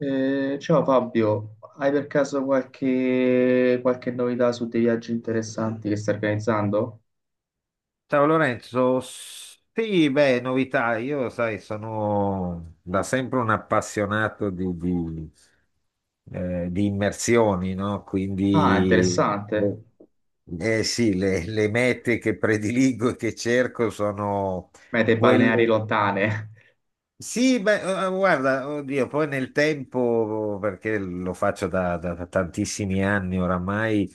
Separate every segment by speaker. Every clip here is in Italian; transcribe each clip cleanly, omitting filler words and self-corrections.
Speaker 1: Ciao Fabio, hai per caso qualche novità su dei viaggi interessanti che stai organizzando?
Speaker 2: Ciao Lorenzo, sì, beh, novità, io sai, sono da sempre un appassionato di immersioni, no?
Speaker 1: Ah,
Speaker 2: Quindi,
Speaker 1: interessante.
Speaker 2: boh, eh sì, le mete che prediligo e che cerco sono. Mm.
Speaker 1: Mete balneari
Speaker 2: Quelle
Speaker 1: lontane.
Speaker 2: sì, beh, guarda, oddio, poi nel tempo, perché lo faccio da tantissimi anni oramai,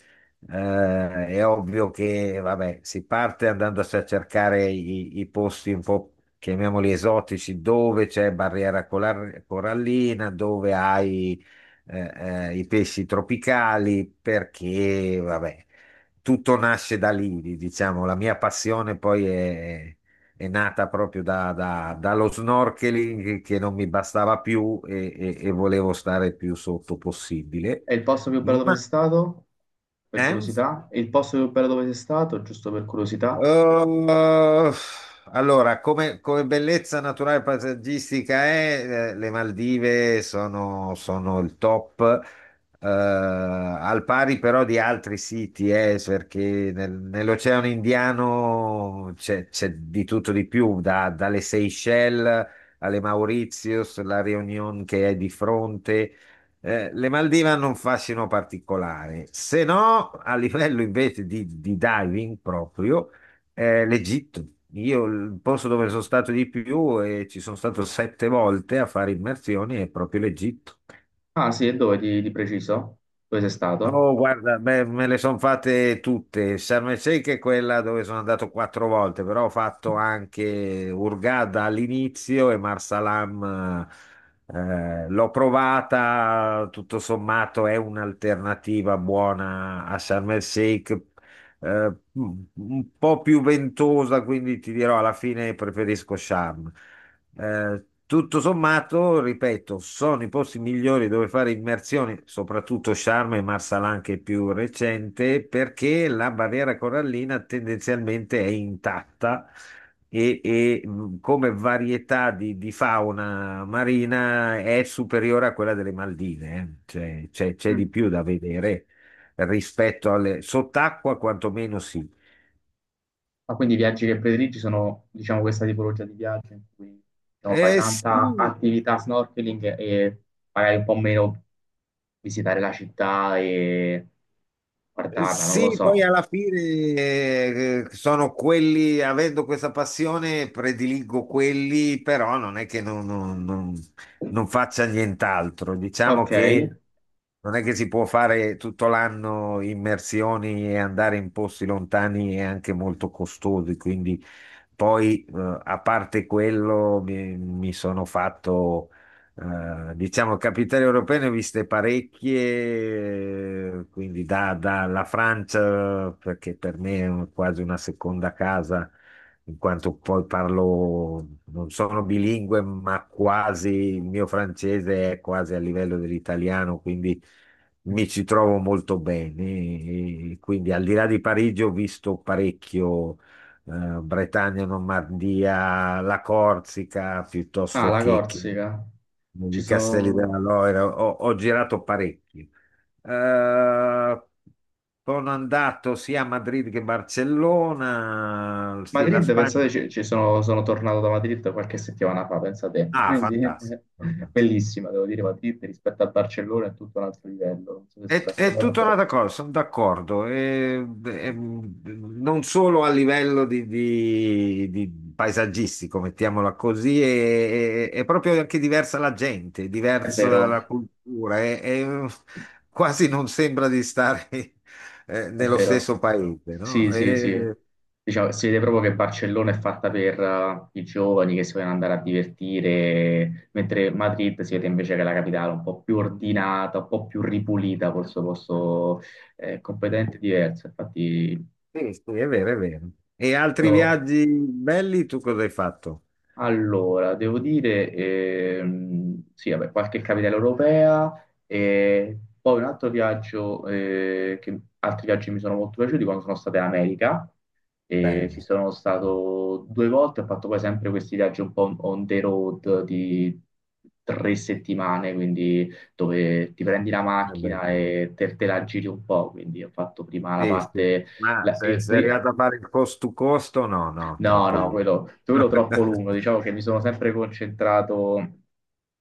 Speaker 2: è ovvio che, vabbè, si parte andando a cercare i posti un po', chiamiamoli esotici, dove c'è barriera corallina, dove hai, eh, i pesci tropicali, perché, vabbè, tutto nasce da lì, diciamo, la mia passione poi è nata proprio dallo snorkeling che non mi bastava più e volevo stare più sotto possibile.
Speaker 1: È il posto più bello dove sei
Speaker 2: Ma,
Speaker 1: stato? Per
Speaker 2: eh?
Speaker 1: curiosità? È il posto più bello dove sei stato? Giusto per curiosità?
Speaker 2: Eh, allora, come bellezza naturale paesaggistica è, le Maldive sono il top, al pari però di altri siti, perché nell'Oceano Indiano c'è di tutto di più, dalle Seychelles alle Mauritius, la Réunion che è di fronte. Le Maldive hanno un fascino particolare, se no a livello invece di diving proprio, l'Egitto. Io il posto dove sono stato di più e ci sono stato sette volte a fare immersioni è proprio l'Egitto.
Speaker 1: Ah, sì, e dove di preciso? Dove sei stato?
Speaker 2: Oh, guarda, beh, me le sono fatte tutte. Sharm el-Sheikh è quella dove sono andato quattro volte, però ho fatto anche Hurghada all'inizio e Marsalam. L'ho provata, tutto sommato è un'alternativa buona a Sharm el-Sheikh, un po' più ventosa, quindi ti dirò alla fine preferisco Sharm. Tutto sommato, ripeto, sono i posti migliori dove fare immersioni, soprattutto Sharm e Marsalan che è più recente, perché la barriera corallina tendenzialmente è intatta e come varietà di fauna marina è superiore a quella delle Maldive, eh. Cioè, c'è di
Speaker 1: Mm.
Speaker 2: più da vedere rispetto alle sott'acqua, quantomeno sì.
Speaker 1: Ma quindi i viaggi che prediligi sono, diciamo, questa tipologia di viaggio in cui, diciamo, fai tanta
Speaker 2: Sì.
Speaker 1: attività snorkeling e magari un po' meno visitare la città e guardarla, non lo
Speaker 2: Sì, poi
Speaker 1: so.
Speaker 2: alla fine sono quelli, avendo questa passione, prediligo quelli, però non è che non faccia nient'altro. Diciamo
Speaker 1: Ok,
Speaker 2: che non è che si può fare tutto l'anno immersioni e andare in posti lontani e anche molto costosi, quindi poi, a parte quello, mi sono fatto, diciamo, capitali europee, ne ho viste parecchie, quindi dalla Francia, perché per me è quasi una seconda casa, in quanto poi parlo, non sono bilingue, ma quasi, il mio francese è quasi a livello dell'italiano, quindi mi ci trovo molto bene. E quindi al di là di Parigi ho visto parecchio Bretagna, Normandia, la Corsica,
Speaker 1: ah,
Speaker 2: piuttosto
Speaker 1: la
Speaker 2: che
Speaker 1: Corsica. Ci
Speaker 2: i Castelli della
Speaker 1: sono...
Speaker 2: Loira. Ho girato parecchio. Eh, sono andato sia a Madrid che a Barcellona. Sì, la
Speaker 1: Madrid, pensate,
Speaker 2: Spagna.
Speaker 1: ci sono, sono tornato da Madrid qualche settimana fa, pensate.
Speaker 2: Ah,
Speaker 1: Quindi,
Speaker 2: fantastico, fantastico.
Speaker 1: bellissima, devo dire, Madrid rispetto a Barcellona è tutto un altro livello. Non so se siete
Speaker 2: È tutta
Speaker 1: d'accordo.
Speaker 2: un'altra cosa, sono d'accordo. E- non solo a livello di paesaggistico, mettiamola così, è proprio anche diversa la gente, è
Speaker 1: È
Speaker 2: diversa
Speaker 1: vero,
Speaker 2: la cultura, è- quasi non sembra di stare
Speaker 1: è
Speaker 2: nello
Speaker 1: vero.
Speaker 2: stesso paese,
Speaker 1: Sì,
Speaker 2: no?
Speaker 1: sì, sì.
Speaker 2: E-
Speaker 1: Diciamo, si vede proprio che Barcellona è fatta per i giovani che si vogliono andare a divertire, mentre Madrid si vede invece che è la capitale un po' più ordinata, un po' più ripulita, col suo posto completamente diverso. Infatti,
Speaker 2: sì, sì, è vero, è vero. E altri
Speaker 1: so
Speaker 2: viaggi belli, tu cosa hai fatto?
Speaker 1: Allora, devo dire, sì, vabbè, qualche capitale europea e poi un altro viaggio, altri viaggi mi sono molto piaciuti quando sono stato in America, e
Speaker 2: Belli.
Speaker 1: ci sono stato due volte, ho fatto poi sempre questi viaggi un po' on the road di tre settimane, quindi dove ti prendi la
Speaker 2: Eh beh,
Speaker 1: macchina
Speaker 2: sì.
Speaker 1: e te la giri un po', quindi ho fatto prima la
Speaker 2: Sì, sì.
Speaker 1: parte...
Speaker 2: Ma
Speaker 1: La-
Speaker 2: se
Speaker 1: il
Speaker 2: sei
Speaker 1: pri-
Speaker 2: arrivato a fare il cost to costo, no, no,
Speaker 1: No,
Speaker 2: troppo
Speaker 1: no,
Speaker 2: lungo.
Speaker 1: quello troppo lungo. Diciamo che mi sono sempre concentrato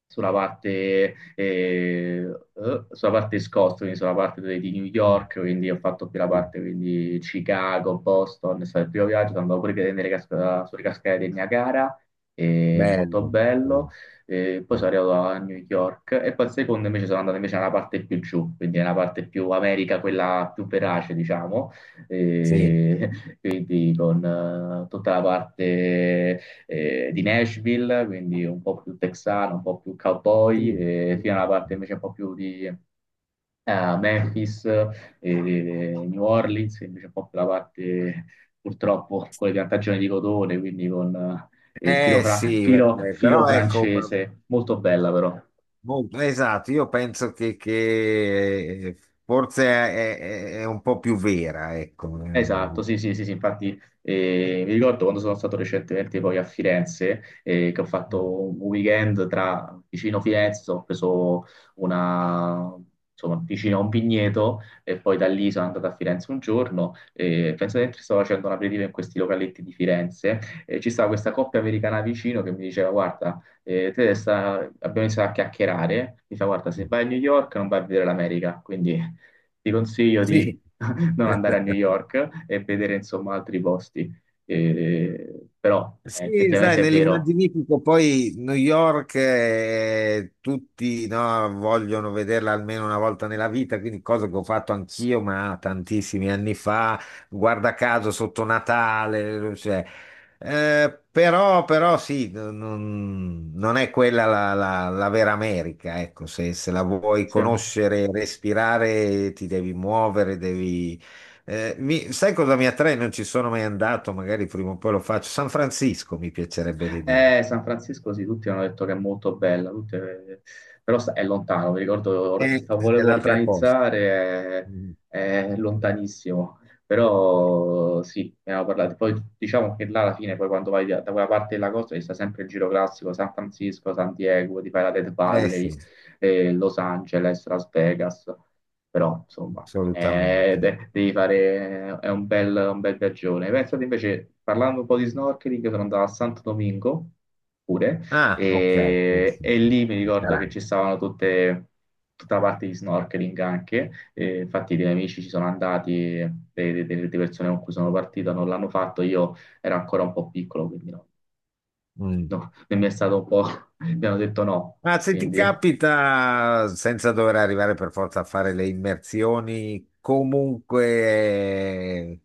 Speaker 1: sulla parte Scott, quindi sulla parte di New
Speaker 2: Mm,
Speaker 1: York, quindi ho fatto più la
Speaker 2: mm.
Speaker 1: parte quindi Chicago, Boston, è stato il primo viaggio, sono andato pure a vedere sulle cascate del Niagara, molto
Speaker 2: Bello,
Speaker 1: bello.
Speaker 2: sì,
Speaker 1: Poi
Speaker 2: mm.
Speaker 1: sono arrivato a New York e poi il secondo invece sono andato invece nella parte più giù, quindi nella parte più America, quella più verace, diciamo.
Speaker 2: Sì,
Speaker 1: Eh, quindi con tutta la parte di Nashville, quindi un po' più texano, un po' più cowboy,
Speaker 2: sì.
Speaker 1: e
Speaker 2: Sì,
Speaker 1: fino alla
Speaker 2: sì,
Speaker 1: parte
Speaker 2: sì.
Speaker 1: invece un po' più di Memphis e New Orleans, invece un po' più la parte purtroppo con le piantagioni di cotone, quindi con
Speaker 2: Eh sì, vabbè,
Speaker 1: filo
Speaker 2: però ecco,
Speaker 1: francese, molto bella però.
Speaker 2: molto- esatto, io penso che forse è un po' più vera, ecco. Mm,
Speaker 1: Esatto, sì, sì, sì, sì, infatti mi ricordo quando sono stato recentemente poi a Firenze, che ho fatto un weekend tra vicino Firenze, ho preso una, insomma, vicino a un vigneto e poi da lì sono andato a Firenze un giorno e penso che stavo facendo un aperitivo in questi localetti di Firenze e ci stava questa coppia americana vicino che mi diceva guarda, abbiamo iniziato a chiacchierare, mi fa guarda se
Speaker 2: mm.
Speaker 1: vai a New York non vai a vedere l'America, quindi ti consiglio di
Speaker 2: Sì.
Speaker 1: non andare a New York e vedere insomma altri posti. Però
Speaker 2: Sì, sai,
Speaker 1: effettivamente è vero.
Speaker 2: nell'immaginifico poi New York tutti no, vogliono vederla almeno una volta nella vita, quindi cosa che ho fatto anch'io, ma tantissimi anni fa, guarda caso sotto Natale, cioè, però, però sì, non è quella la, la vera America, ecco, se la vuoi
Speaker 1: Sì.
Speaker 2: conoscere, respirare, ti devi muovere, devi mi- sai cosa mi attrae? Non ci sono mai andato, magari prima o poi lo faccio. San Francisco mi piacerebbe vedere.
Speaker 1: San Francisco, sì, tutti hanno detto che è molto bella, è lontano. Mi ricordo, or- sta-
Speaker 2: È
Speaker 1: Volevo
Speaker 2: l'altra cosa.
Speaker 1: organizzare,
Speaker 2: Mm.
Speaker 1: è lontanissimo. Però sì, ne avevo parlato. Poi diciamo che là alla fine, poi quando vai da quella parte della costa, ci sta sempre il giro classico, San Francisco, San Diego, ti fai la Death
Speaker 2: Eh sì,
Speaker 1: Valley, Los Angeles, Las Vegas, però insomma
Speaker 2: assolutamente.
Speaker 1: devi fare, è un bel viaggione. Pensate invece, parlando un po' di snorkeling, sono andato a Santo Domingo pure
Speaker 2: Ah, ok. Sì, sì,
Speaker 1: e
Speaker 2: sì.
Speaker 1: lì mi ricordo che
Speaker 2: Carai.
Speaker 1: ci stavano tutta la parte di snorkeling anche, e infatti dei miei amici ci sono andati, e de- de- de persone con cui sono partito non l'hanno fatto, io ero ancora un po' piccolo, quindi no,
Speaker 2: Mm.
Speaker 1: no, non mi è stato un po', mi hanno detto no,
Speaker 2: Ma se ti
Speaker 1: quindi
Speaker 2: capita, senza dover arrivare per forza a fare le immersioni, comunque,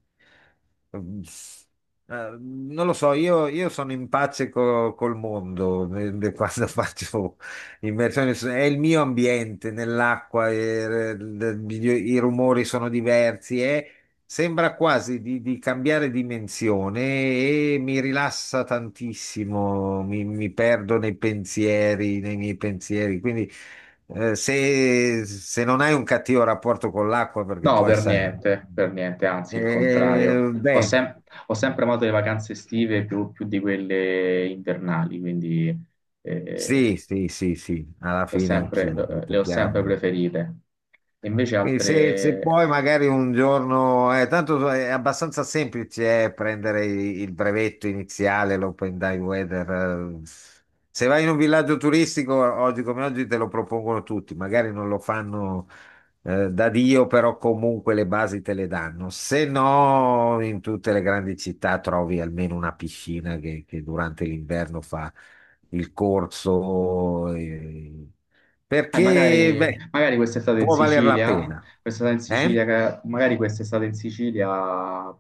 Speaker 2: mm, non lo so, io sono in pace col mondo quando faccio immersioni, è il mio ambiente nell'acqua, i rumori sono diversi. Sembra quasi di cambiare dimensione e mi rilassa tantissimo, mi perdo nei pensieri, nei miei pensieri. Quindi se non hai un cattivo rapporto con l'acqua, perché
Speaker 1: No,
Speaker 2: poi sai,
Speaker 1: per niente, anzi il contrario.
Speaker 2: beh,
Speaker 1: Ho sempre amato le vacanze estive più di quelle invernali, quindi eh,
Speaker 2: sì, sì, sì, sì, alla
Speaker 1: le ho
Speaker 2: fine
Speaker 1: sempre,
Speaker 2: anch'io,
Speaker 1: le
Speaker 2: tutto
Speaker 1: ho sempre
Speaker 2: chiaramente.
Speaker 1: preferite. Invece
Speaker 2: Quindi se
Speaker 1: altre...
Speaker 2: poi magari un giorno, tanto è abbastanza semplice prendere il brevetto iniziale, l'Open Dive Weather. Eh. Se vai in un villaggio turistico, oggi come oggi te lo propongono tutti, magari non lo fanno da Dio, però comunque le basi te le danno. Se no, in tutte le grandi città trovi almeno una piscina che durante l'inverno fa il corso, perché beh,
Speaker 1: magari quest'estate in
Speaker 2: può valer la
Speaker 1: Sicilia,
Speaker 2: pena. Eh?
Speaker 1: Magari quest'estate in Sicilia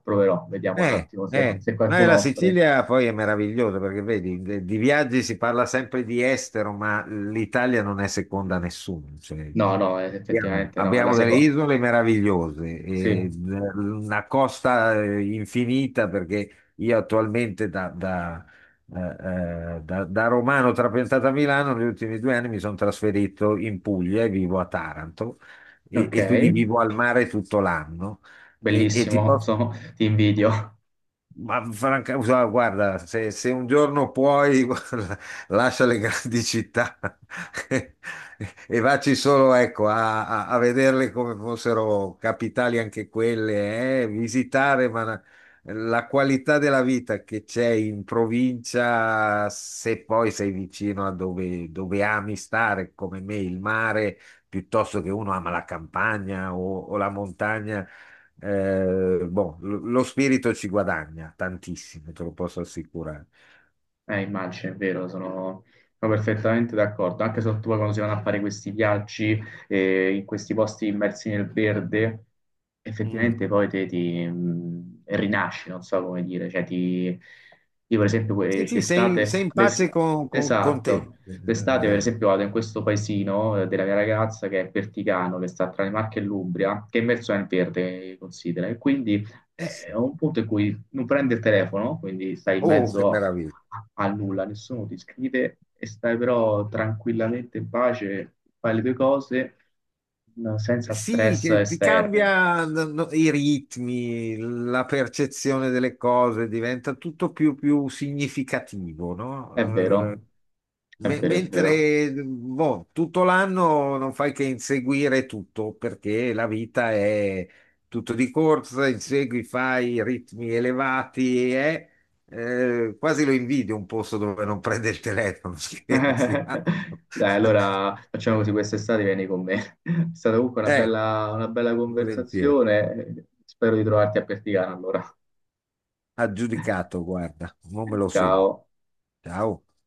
Speaker 1: proverò, vediamo un attimo se, se
Speaker 2: Ma
Speaker 1: qualcuno
Speaker 2: la
Speaker 1: offre.
Speaker 2: Sicilia poi è meravigliosa perché vedi, di viaggi si parla sempre di estero, ma l'Italia non è seconda a nessuno. Cioè,
Speaker 1: No, no,
Speaker 2: abbiamo,
Speaker 1: effettivamente no, è la
Speaker 2: abbiamo delle
Speaker 1: seconda.
Speaker 2: isole meravigliose,
Speaker 1: Sì,
Speaker 2: e una costa infinita perché io attualmente da romano trapiantato a Milano, negli ultimi due anni mi sono trasferito in Puglia e vivo a Taranto e,
Speaker 1: ok,
Speaker 2: e quindi vivo al mare tutto l'anno. E ti
Speaker 1: bellissimo,
Speaker 2: posso
Speaker 1: sono- ti invidio.
Speaker 2: ma franca, guarda, guarda, se un giorno puoi, guarda, lascia le grandi città e vacci solo, ecco, a vederle come fossero capitali anche quelle, visitare, ma la, la qualità della vita che c'è in provincia, se poi sei vicino a dove ami stare, come me, il mare, piuttosto che uno ama la campagna o la montagna. Boh, lo spirito ci guadagna tantissimo, te lo posso assicurare.
Speaker 1: Immagino, è vero, sono, sono perfettamente d'accordo. Anche soprattutto poi quando si vanno a fare questi viaggi in questi posti immersi nel verde,
Speaker 2: Mm.
Speaker 1: effettivamente poi te ti rinasci, non so come dire. Cioè, ti, io per esempio
Speaker 2: Sì, sì, sei in pace con te.
Speaker 1: esatto, d'estate per esempio vado in questo paesino della mia ragazza che è Perticano, che sta tra le Marche e l'Umbria, che è immerso nel verde, considera, e quindi
Speaker 2: Eh
Speaker 1: è
Speaker 2: sì.
Speaker 1: un punto in cui non prendi il telefono, quindi stai in
Speaker 2: Oh, che
Speaker 1: mezzo
Speaker 2: meraviglia.
Speaker 1: al nulla, nessuno ti scrive e stai però tranquillamente in pace, fai le tue cose senza
Speaker 2: Eh sì,
Speaker 1: stress
Speaker 2: che ti
Speaker 1: esterni.
Speaker 2: cambia no, no, i ritmi, la percezione delle cose, diventa tutto più, più significativo,
Speaker 1: È
Speaker 2: no?
Speaker 1: vero, è
Speaker 2: Me-
Speaker 1: vero, è vero.
Speaker 2: mentre boh, tutto l'anno non fai che inseguire tutto, perché la vita è tutto di corsa, insegui, fai ritmi elevati e quasi lo invidio un posto dove non prende il telefono, scherzi.
Speaker 1: Dai, allora facciamo così quest'estate, vieni con me. È stata comunque
Speaker 2: Eh,
Speaker 1: una bella
Speaker 2: volentieri.
Speaker 1: conversazione. Spero di trovarti a Perticana allora.
Speaker 2: Aggiudicato, guarda, non me lo segno.
Speaker 1: Ciao.
Speaker 2: Ciao.